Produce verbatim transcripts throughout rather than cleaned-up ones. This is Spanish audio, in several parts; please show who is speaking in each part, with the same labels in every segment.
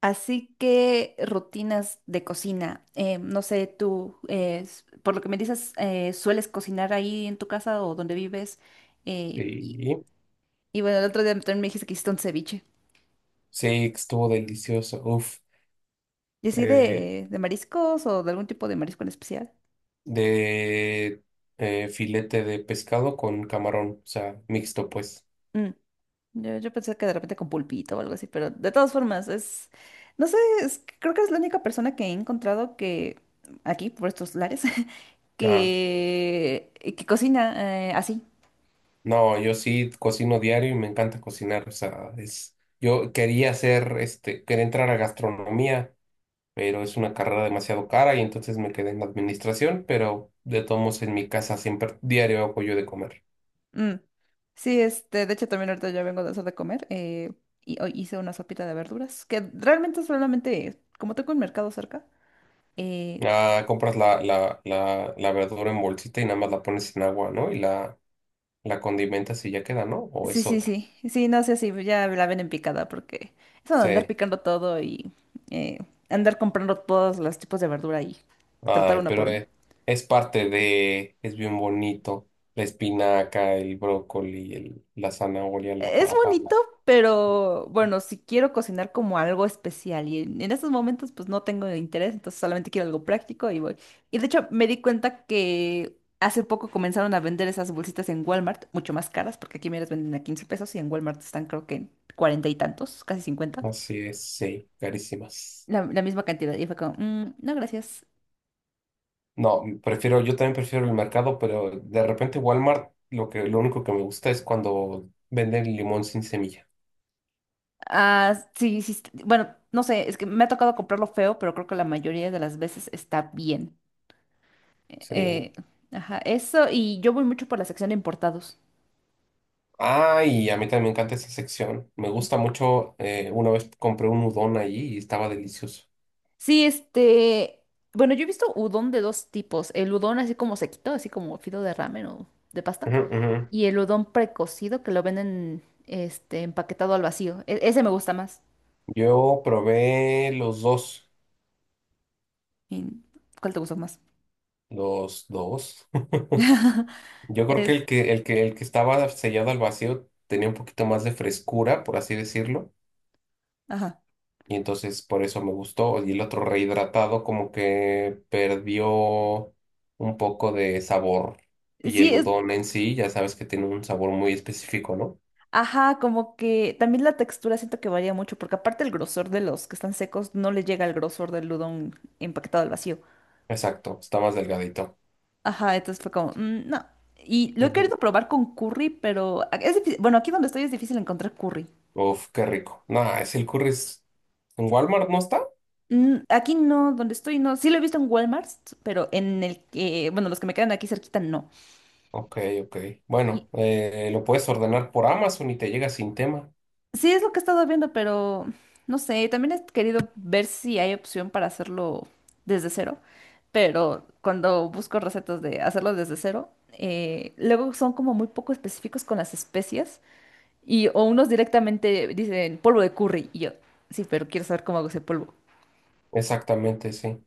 Speaker 1: Así que rutinas de cocina. Eh, no sé, tú, eh, s- por lo que me dices, eh, ¿sueles cocinar ahí en tu casa o donde vives? Eh, y,
Speaker 2: Sí,
Speaker 1: y bueno, el otro día también me dijiste que hiciste un ceviche.
Speaker 2: sí, estuvo delicioso. Uf,
Speaker 1: ¿Y así
Speaker 2: eh,
Speaker 1: de, de mariscos o de algún tipo de marisco en especial?
Speaker 2: de eh, filete de pescado con camarón, o sea, mixto, pues.
Speaker 1: Mm, yo, yo pensé que de repente con pulpito o algo así, pero de todas formas, es, no sé, es- creo que es la única persona que he encontrado que, aquí, por estos lares,
Speaker 2: Ah,
Speaker 1: que, que cocina eh, así.
Speaker 2: no, yo sí cocino diario y me encanta cocinar, o sea, es. Yo quería hacer, este, quería entrar a gastronomía, pero es una carrera demasiado cara y entonces me quedé en administración, pero de todos modos en mi casa siempre diario hago yo de comer.
Speaker 1: Mm. Sí, este, de hecho también ahorita ya vengo de hacer de comer eh, y hoy hice una sopita de verduras que realmente solamente, como tengo un mercado cerca, eh,
Speaker 2: Ah, compras la, la, la, la verdura en bolsita y nada más la pones en agua, ¿no? Y la La condimenta sí ya queda, ¿no? ¿O
Speaker 1: sí,
Speaker 2: es
Speaker 1: sí,
Speaker 2: otra?
Speaker 1: sí, sí, no sé si ya la ven en picada porque eso de andar
Speaker 2: Sí.
Speaker 1: picando todo y eh, andar comprando todos los tipos de verdura y tratar
Speaker 2: Ay,
Speaker 1: una
Speaker 2: pero
Speaker 1: por una.
Speaker 2: es, es parte de, es bien bonito. La espinaca, el brócoli, el- la zanahoria, la
Speaker 1: e-, Es
Speaker 2: papa.
Speaker 1: bonito,
Speaker 2: la-
Speaker 1: pero bueno, si quiero cocinar como algo especial y en, en estos momentos pues no tengo interés, entonces solamente quiero algo práctico y voy. Y de hecho me di cuenta que hace poco comenzaron a vender esas bolsitas en Walmart, mucho más caras, porque aquí me las venden a quince pesos y en Walmart están creo que en cuarenta y tantos, casi cincuenta,
Speaker 2: Así es, sí, carísimas.
Speaker 1: la, la misma cantidad. Y fue como: "Mm, no, gracias.
Speaker 2: No, prefiero, yo también prefiero el mercado, pero de repente Walmart, lo que, lo único que me gusta es cuando venden limón sin semilla.
Speaker 1: Ah, sí, sí, est- bueno, no sé, es que me ha tocado comprarlo feo, pero creo que la mayoría de las veces está bien.
Speaker 2: Sí.
Speaker 1: Eh, ajá, eso, y yo voy mucho por la sección de importados.
Speaker 2: Ah, y a mí también me encanta esa sección. Me gusta mucho. Eh, una vez compré un udon allí y estaba delicioso.
Speaker 1: Sí, este, bueno, yo he visto udon de dos tipos. El udon así como sequito, así como fido de ramen o de pasta.
Speaker 2: Ujú, ujú.
Speaker 1: Y el udon precocido que lo venden, este, empaquetado al vacío. E- ese me gusta más.
Speaker 2: Yo probé los dos.
Speaker 1: ¿Y cuál te gusta más?
Speaker 2: Los dos. Yo creo que
Speaker 1: Es,
Speaker 2: el que, el que, el que estaba sellado al vacío tenía un poquito más de frescura, por así decirlo.
Speaker 1: ajá.
Speaker 2: Y entonces por eso me gustó. Y el otro rehidratado como que perdió un poco de sabor. Y
Speaker 1: Sí,
Speaker 2: el
Speaker 1: es,
Speaker 2: udon en sí, ya sabes que tiene un sabor muy específico, ¿no?
Speaker 1: ajá, como que también la textura siento que varía mucho, porque aparte el grosor de los que están secos no le llega al grosor del udon empaquetado al vacío.
Speaker 2: Exacto, está más delgadito.
Speaker 1: Ajá, entonces fue como: "Mm, no". Y lo he
Speaker 2: Ujú.
Speaker 1: querido probar con curry, pero a- es difícil. Bueno, aquí donde estoy es difícil encontrar curry.
Speaker 2: Uf, qué rico. Nah, es el curry. es- ¿En Walmart no está?
Speaker 1: Mm, aquí no, donde estoy no. Sí lo he visto en Walmart, pero en el que, bueno, los que me quedan aquí cerquita no.
Speaker 2: Ok, ok.
Speaker 1: Y
Speaker 2: Bueno, eh, lo puedes ordenar por Amazon y te llega sin tema.
Speaker 1: sí es lo que he estado viendo, pero no sé, también he querido ver si hay opción para hacerlo desde cero. Pero cuando busco recetas de hacerlo desde cero, eh, luego son como muy poco específicos con las especias. Y o unos directamente dicen polvo de curry. Y yo, sí, pero quiero saber cómo hago ese polvo.
Speaker 2: Exactamente, sí.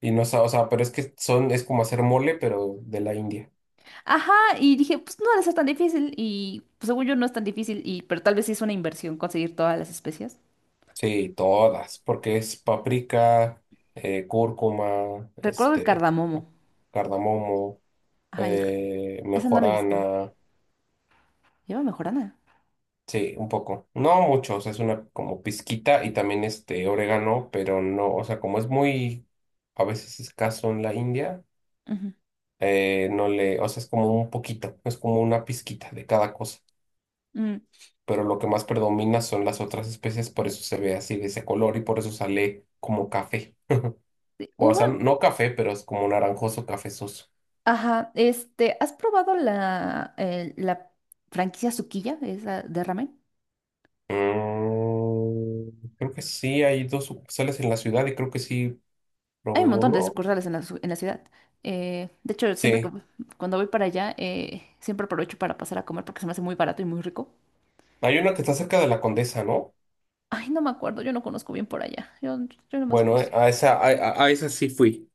Speaker 2: Y no, sa- o sea, pero es que son, es como hacer mole, pero de la India.
Speaker 1: Ajá, y dije, pues no debe ser tan difícil. Y pues, según yo no es tan difícil, y, pero tal vez sí es una inversión conseguir todas las especias.
Speaker 2: Sí, todas, porque es paprika, eh, cúrcuma,
Speaker 1: Recuerdo el
Speaker 2: este,
Speaker 1: cardamomo.
Speaker 2: cardamomo,
Speaker 1: Ajá, y el car-
Speaker 2: eh,
Speaker 1: ese no lo he visto.
Speaker 2: mejorana,
Speaker 1: Lleva mejorana.
Speaker 2: sí, un poco, no mucho, o sea, es una como pizquita y también este orégano, pero no, o sea, como es muy a veces escaso en la India,
Speaker 1: Ujú.
Speaker 2: eh, no le, o sea, es como un poquito, es como una pizquita de cada cosa,
Speaker 1: Mm.
Speaker 2: pero lo que más predomina son las otras especies, por eso se ve así de ese color y por eso sale como café.
Speaker 1: Sí,
Speaker 2: O
Speaker 1: hubo,
Speaker 2: sea, no café, pero es como naranjoso cafezoso.
Speaker 1: ajá, este, ¿has probado la, el- la franquicia Sukiya, esa de ramen?
Speaker 2: Mm, creo que sí, hay dos sucursales en la ciudad y creo que sí
Speaker 1: Hay
Speaker 2: probé
Speaker 1: un montón de
Speaker 2: uno.
Speaker 1: sucursales en la, su- en la ciudad. Eh, de hecho, siempre que
Speaker 2: Sí,
Speaker 1: cuando voy para allá, eh, siempre aprovecho para pasar a comer porque se me hace muy barato y muy rico.
Speaker 2: hay una que está cerca de la Condesa, ¿no?
Speaker 1: Ay, no me acuerdo, yo no conozco bien por allá. Yo, yo nomás,
Speaker 2: Bueno, eh,
Speaker 1: pues.
Speaker 2: a esa, a, a- a esa sí fui.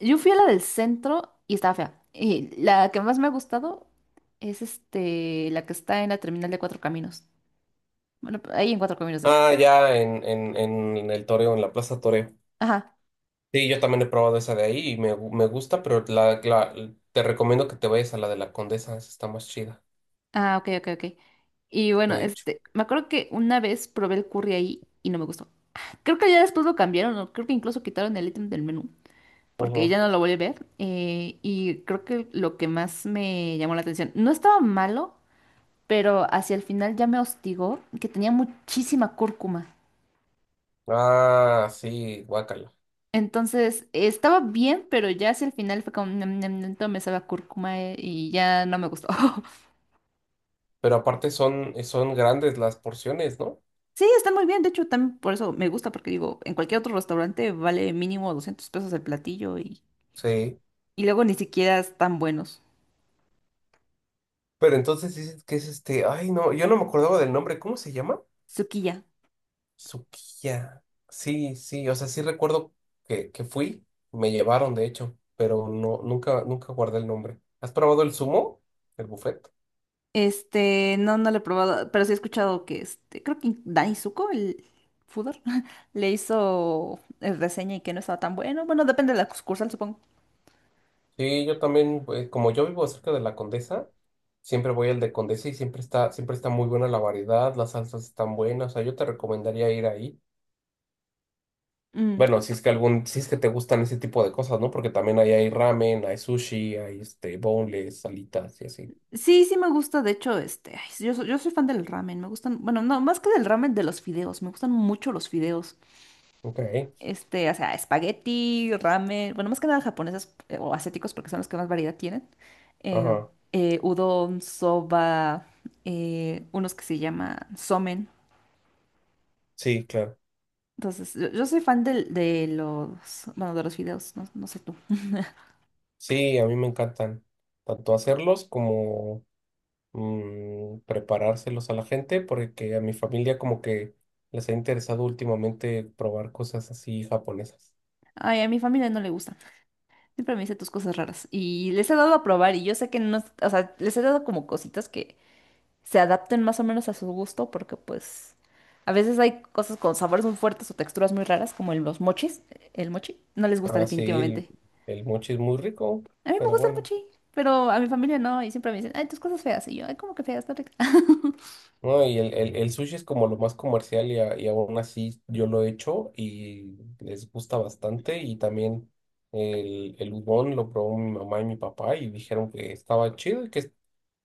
Speaker 1: Yo fui a la del centro y estaba fea. Y la que más me ha gustado es este, la que está en la terminal de Cuatro Caminos. Bueno, ahí en Cuatro Caminos, de hecho.
Speaker 2: Ah, ya en, en, en el Toreo, en la Plaza Toreo.
Speaker 1: Ajá.
Speaker 2: Sí, yo también he probado esa de ahí y me, gu- me gusta, pero la, la- te recomiendo que te vayas a la de la Condesa, esa está más chida,
Speaker 1: Ah, ok, ok, ok. Y bueno,
Speaker 2: de hecho.
Speaker 1: este, me acuerdo que una vez probé el curry ahí y no me gustó. Creo que ya después lo cambiaron, o creo que incluso quitaron el ítem del menú. Porque
Speaker 2: Ujú.
Speaker 1: ella no lo vuelve a ver. Eh, y creo que lo que más me llamó la atención, no estaba malo, pero hacia el final ya me hostigó que tenía muchísima cúrcuma.
Speaker 2: Ah, sí, guacala.
Speaker 1: Entonces eh, estaba bien, pero ya hacia el final fue como: "Nam, nam, nam", todo me sabe a cúrcuma, eh, y ya no me gustó.
Speaker 2: Pero aparte son, eh, son grandes las porciones, ¿no?
Speaker 1: Sí, está muy bien. De hecho, también por eso me gusta, porque digo, en cualquier otro restaurante vale mínimo doscientos pesos el platillo y,
Speaker 2: Sí.
Speaker 1: y luego ni siquiera están buenos.
Speaker 2: Pero entonces dices que es este, ay no, yo no me acordaba del nombre, ¿cómo se llama?
Speaker 1: Sukiya.
Speaker 2: Sukiya. Sí, sí, o sea, sí recuerdo que, que fui, me llevaron de hecho, pero no, nunca, nunca guardé el nombre. ¿Has probado el sumo? El buffet.
Speaker 1: Este, no, no lo he probado, pero sí he escuchado que este, creo que Dani Zuko, el Fudor, le hizo eh, reseña y que no estaba tan bueno. Bueno, depende de la sucursal, supongo.
Speaker 2: Sí, yo también, eh, como yo vivo cerca de la Condesa, siempre voy al de Condesa y siempre está, siempre está muy buena la variedad, las salsas están buenas, o sea, yo te recomendaría ir ahí.
Speaker 1: Mm.
Speaker 2: Bueno, si es que algún, si es que te gustan ese tipo de cosas, ¿no? Porque también ahí hay ramen, hay sushi, hay este boneless, salitas y así.
Speaker 1: Sí, sí me gusta, de hecho, este, ay, yo, so- yo soy fan del ramen, me gustan, bueno, no, más que del ramen, de los fideos, me gustan mucho los fideos.
Speaker 2: Ok,
Speaker 1: Este, o sea, espagueti, ramen, bueno, más que nada japoneses eh, o asiáticos porque son los que más variedad tienen. Eh,
Speaker 2: ajá.
Speaker 1: eh, Udon, soba, eh, unos que se llaman somen.
Speaker 2: Sí, claro.
Speaker 1: Entonces, yo, yo soy fan del- de, los, bueno, de los fideos no, no sé tú.
Speaker 2: Sí, a mí me encantan tanto hacerlos como mm, preparárselos a la gente, porque a mi familia como que les ha interesado últimamente probar cosas así japonesas.
Speaker 1: Ay, a mi familia no le gusta. Siempre me dice tus cosas raras. Y les he dado a probar y yo sé que no, es- o sea, les he dado como cositas que se adapten más o menos a su gusto porque pues a veces hay cosas con sabores muy fuertes o texturas muy raras como en los mochis, el mochi, no les gusta
Speaker 2: Ah, sí, el,
Speaker 1: definitivamente.
Speaker 2: el mochi es muy rico,
Speaker 1: A mí me
Speaker 2: pero
Speaker 1: gusta el
Speaker 2: bueno.
Speaker 1: mochi, pero a mi familia no y siempre me dicen: "Ay, tus cosas feas". Y yo: "Ay, ¿cómo que feas? Está rica".
Speaker 2: No, y el, el, el sushi es como lo más comercial y, a- y aún así yo lo he hecho y les gusta bastante. Y también el, el udon lo probó mi mamá y mi papá y dijeron que estaba chido y que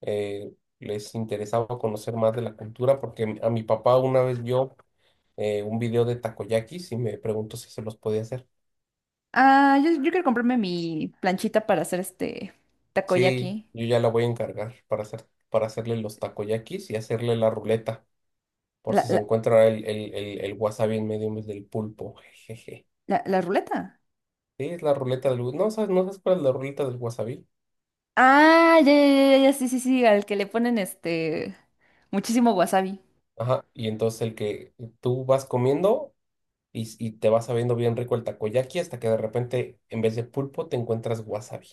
Speaker 2: eh, les interesaba conocer más de la cultura porque a mi papá una vez vio eh, un video de takoyakis y me preguntó si se los podía hacer.
Speaker 1: Ah, yo, yo quiero comprarme mi planchita para hacer este
Speaker 2: Sí,
Speaker 1: takoyaki.
Speaker 2: yo ya la voy a encargar para hacer, para hacerle los takoyakis y hacerle la ruleta. Por
Speaker 1: La,
Speaker 2: si se
Speaker 1: la,
Speaker 2: encuentra el, el, el, el wasabi en medio en vez del pulpo. Jejeje.
Speaker 1: la, la ruleta.
Speaker 2: Sí, es la ruleta del... No sabes, no sabes cuál es la ruleta del wasabi.
Speaker 1: Ah, ya, ya, ya, ya, sí, sí, sí, al que le ponen este muchísimo wasabi.
Speaker 2: Ajá. Y entonces el que tú vas comiendo y, y te vas sabiendo bien rico el takoyaki hasta que de repente en vez de pulpo te encuentras wasabi.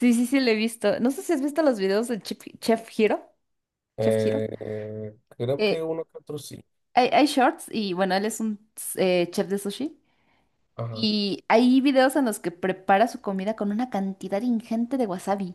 Speaker 1: Sí, sí, sí, lo he visto. No sé si has visto los videos del Chef, Chef Hiro. Chef Hiro.
Speaker 2: Eh, eh, creo
Speaker 1: Eh,
Speaker 2: que uno que otro sí.
Speaker 1: hay, hay shorts y bueno, él es un eh, chef de sushi.
Speaker 2: Ajá.
Speaker 1: Y hay videos en los que prepara su comida con una cantidad ingente de wasabi.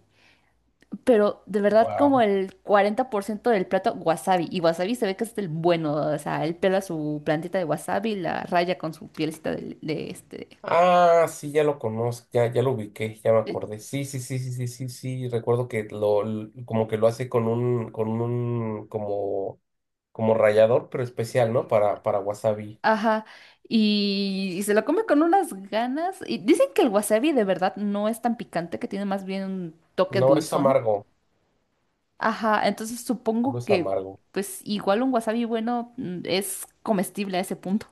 Speaker 1: Pero de verdad
Speaker 2: Wow.
Speaker 1: como el cuarenta por ciento del plato wasabi. Y wasabi se ve que es el bueno. O sea, él pela su plantita de wasabi, la raya con su pielecita de, de este
Speaker 2: Ah, sí, ya lo conozco, ya, ya lo ubiqué, ya me
Speaker 1: Eh,
Speaker 2: acordé. Sí, sí, sí, sí, sí, sí, sí. Recuerdo que lo, l- como que lo hace con un, con un, como, como rallador, pero especial, ¿no? Para, para wasabi.
Speaker 1: ajá, y, y se lo come con unas ganas. Y dicen que el wasabi de verdad no es tan picante, que tiene más bien un toque
Speaker 2: No es
Speaker 1: dulzón.
Speaker 2: amargo,
Speaker 1: Ajá, entonces
Speaker 2: no
Speaker 1: supongo
Speaker 2: es
Speaker 1: que
Speaker 2: amargo.
Speaker 1: pues igual un wasabi bueno, mm, es comestible a ese punto.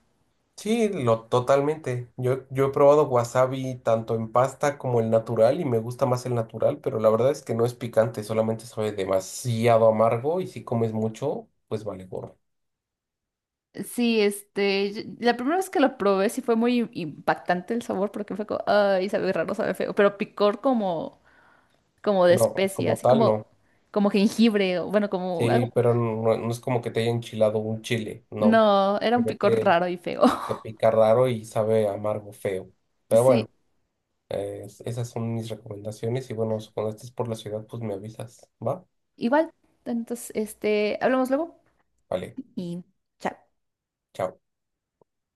Speaker 2: Sí, lo totalmente. Yo, yo he probado wasabi tanto en pasta como el natural y me gusta más el natural, pero la verdad es que no es picante, solamente sabe demasiado amargo y si comes mucho, pues vale gorro.
Speaker 1: Sí, este, yo- la primera vez que lo probé sí fue muy impactante el sabor porque fue como: "Ay, sabe raro, sabe feo", pero picor como, como de
Speaker 2: No,
Speaker 1: especia,
Speaker 2: como
Speaker 1: así
Speaker 2: tal, no.
Speaker 1: como, como jengibre, o bueno, como algo.
Speaker 2: Sí, pero no, no es como que te haya enchilado un chile, no.
Speaker 1: No, era un picor
Speaker 2: Simplemente
Speaker 1: raro y feo.
Speaker 2: te pica raro y sabe amargo, feo. Pero bueno,
Speaker 1: Sí.
Speaker 2: eh, esas son mis recomendaciones y bueno, cuando estés por la ciudad, pues me avisas, ¿va?
Speaker 1: Igual, entonces, este, hablamos luego
Speaker 2: Vale,
Speaker 1: y chao.
Speaker 2: chao.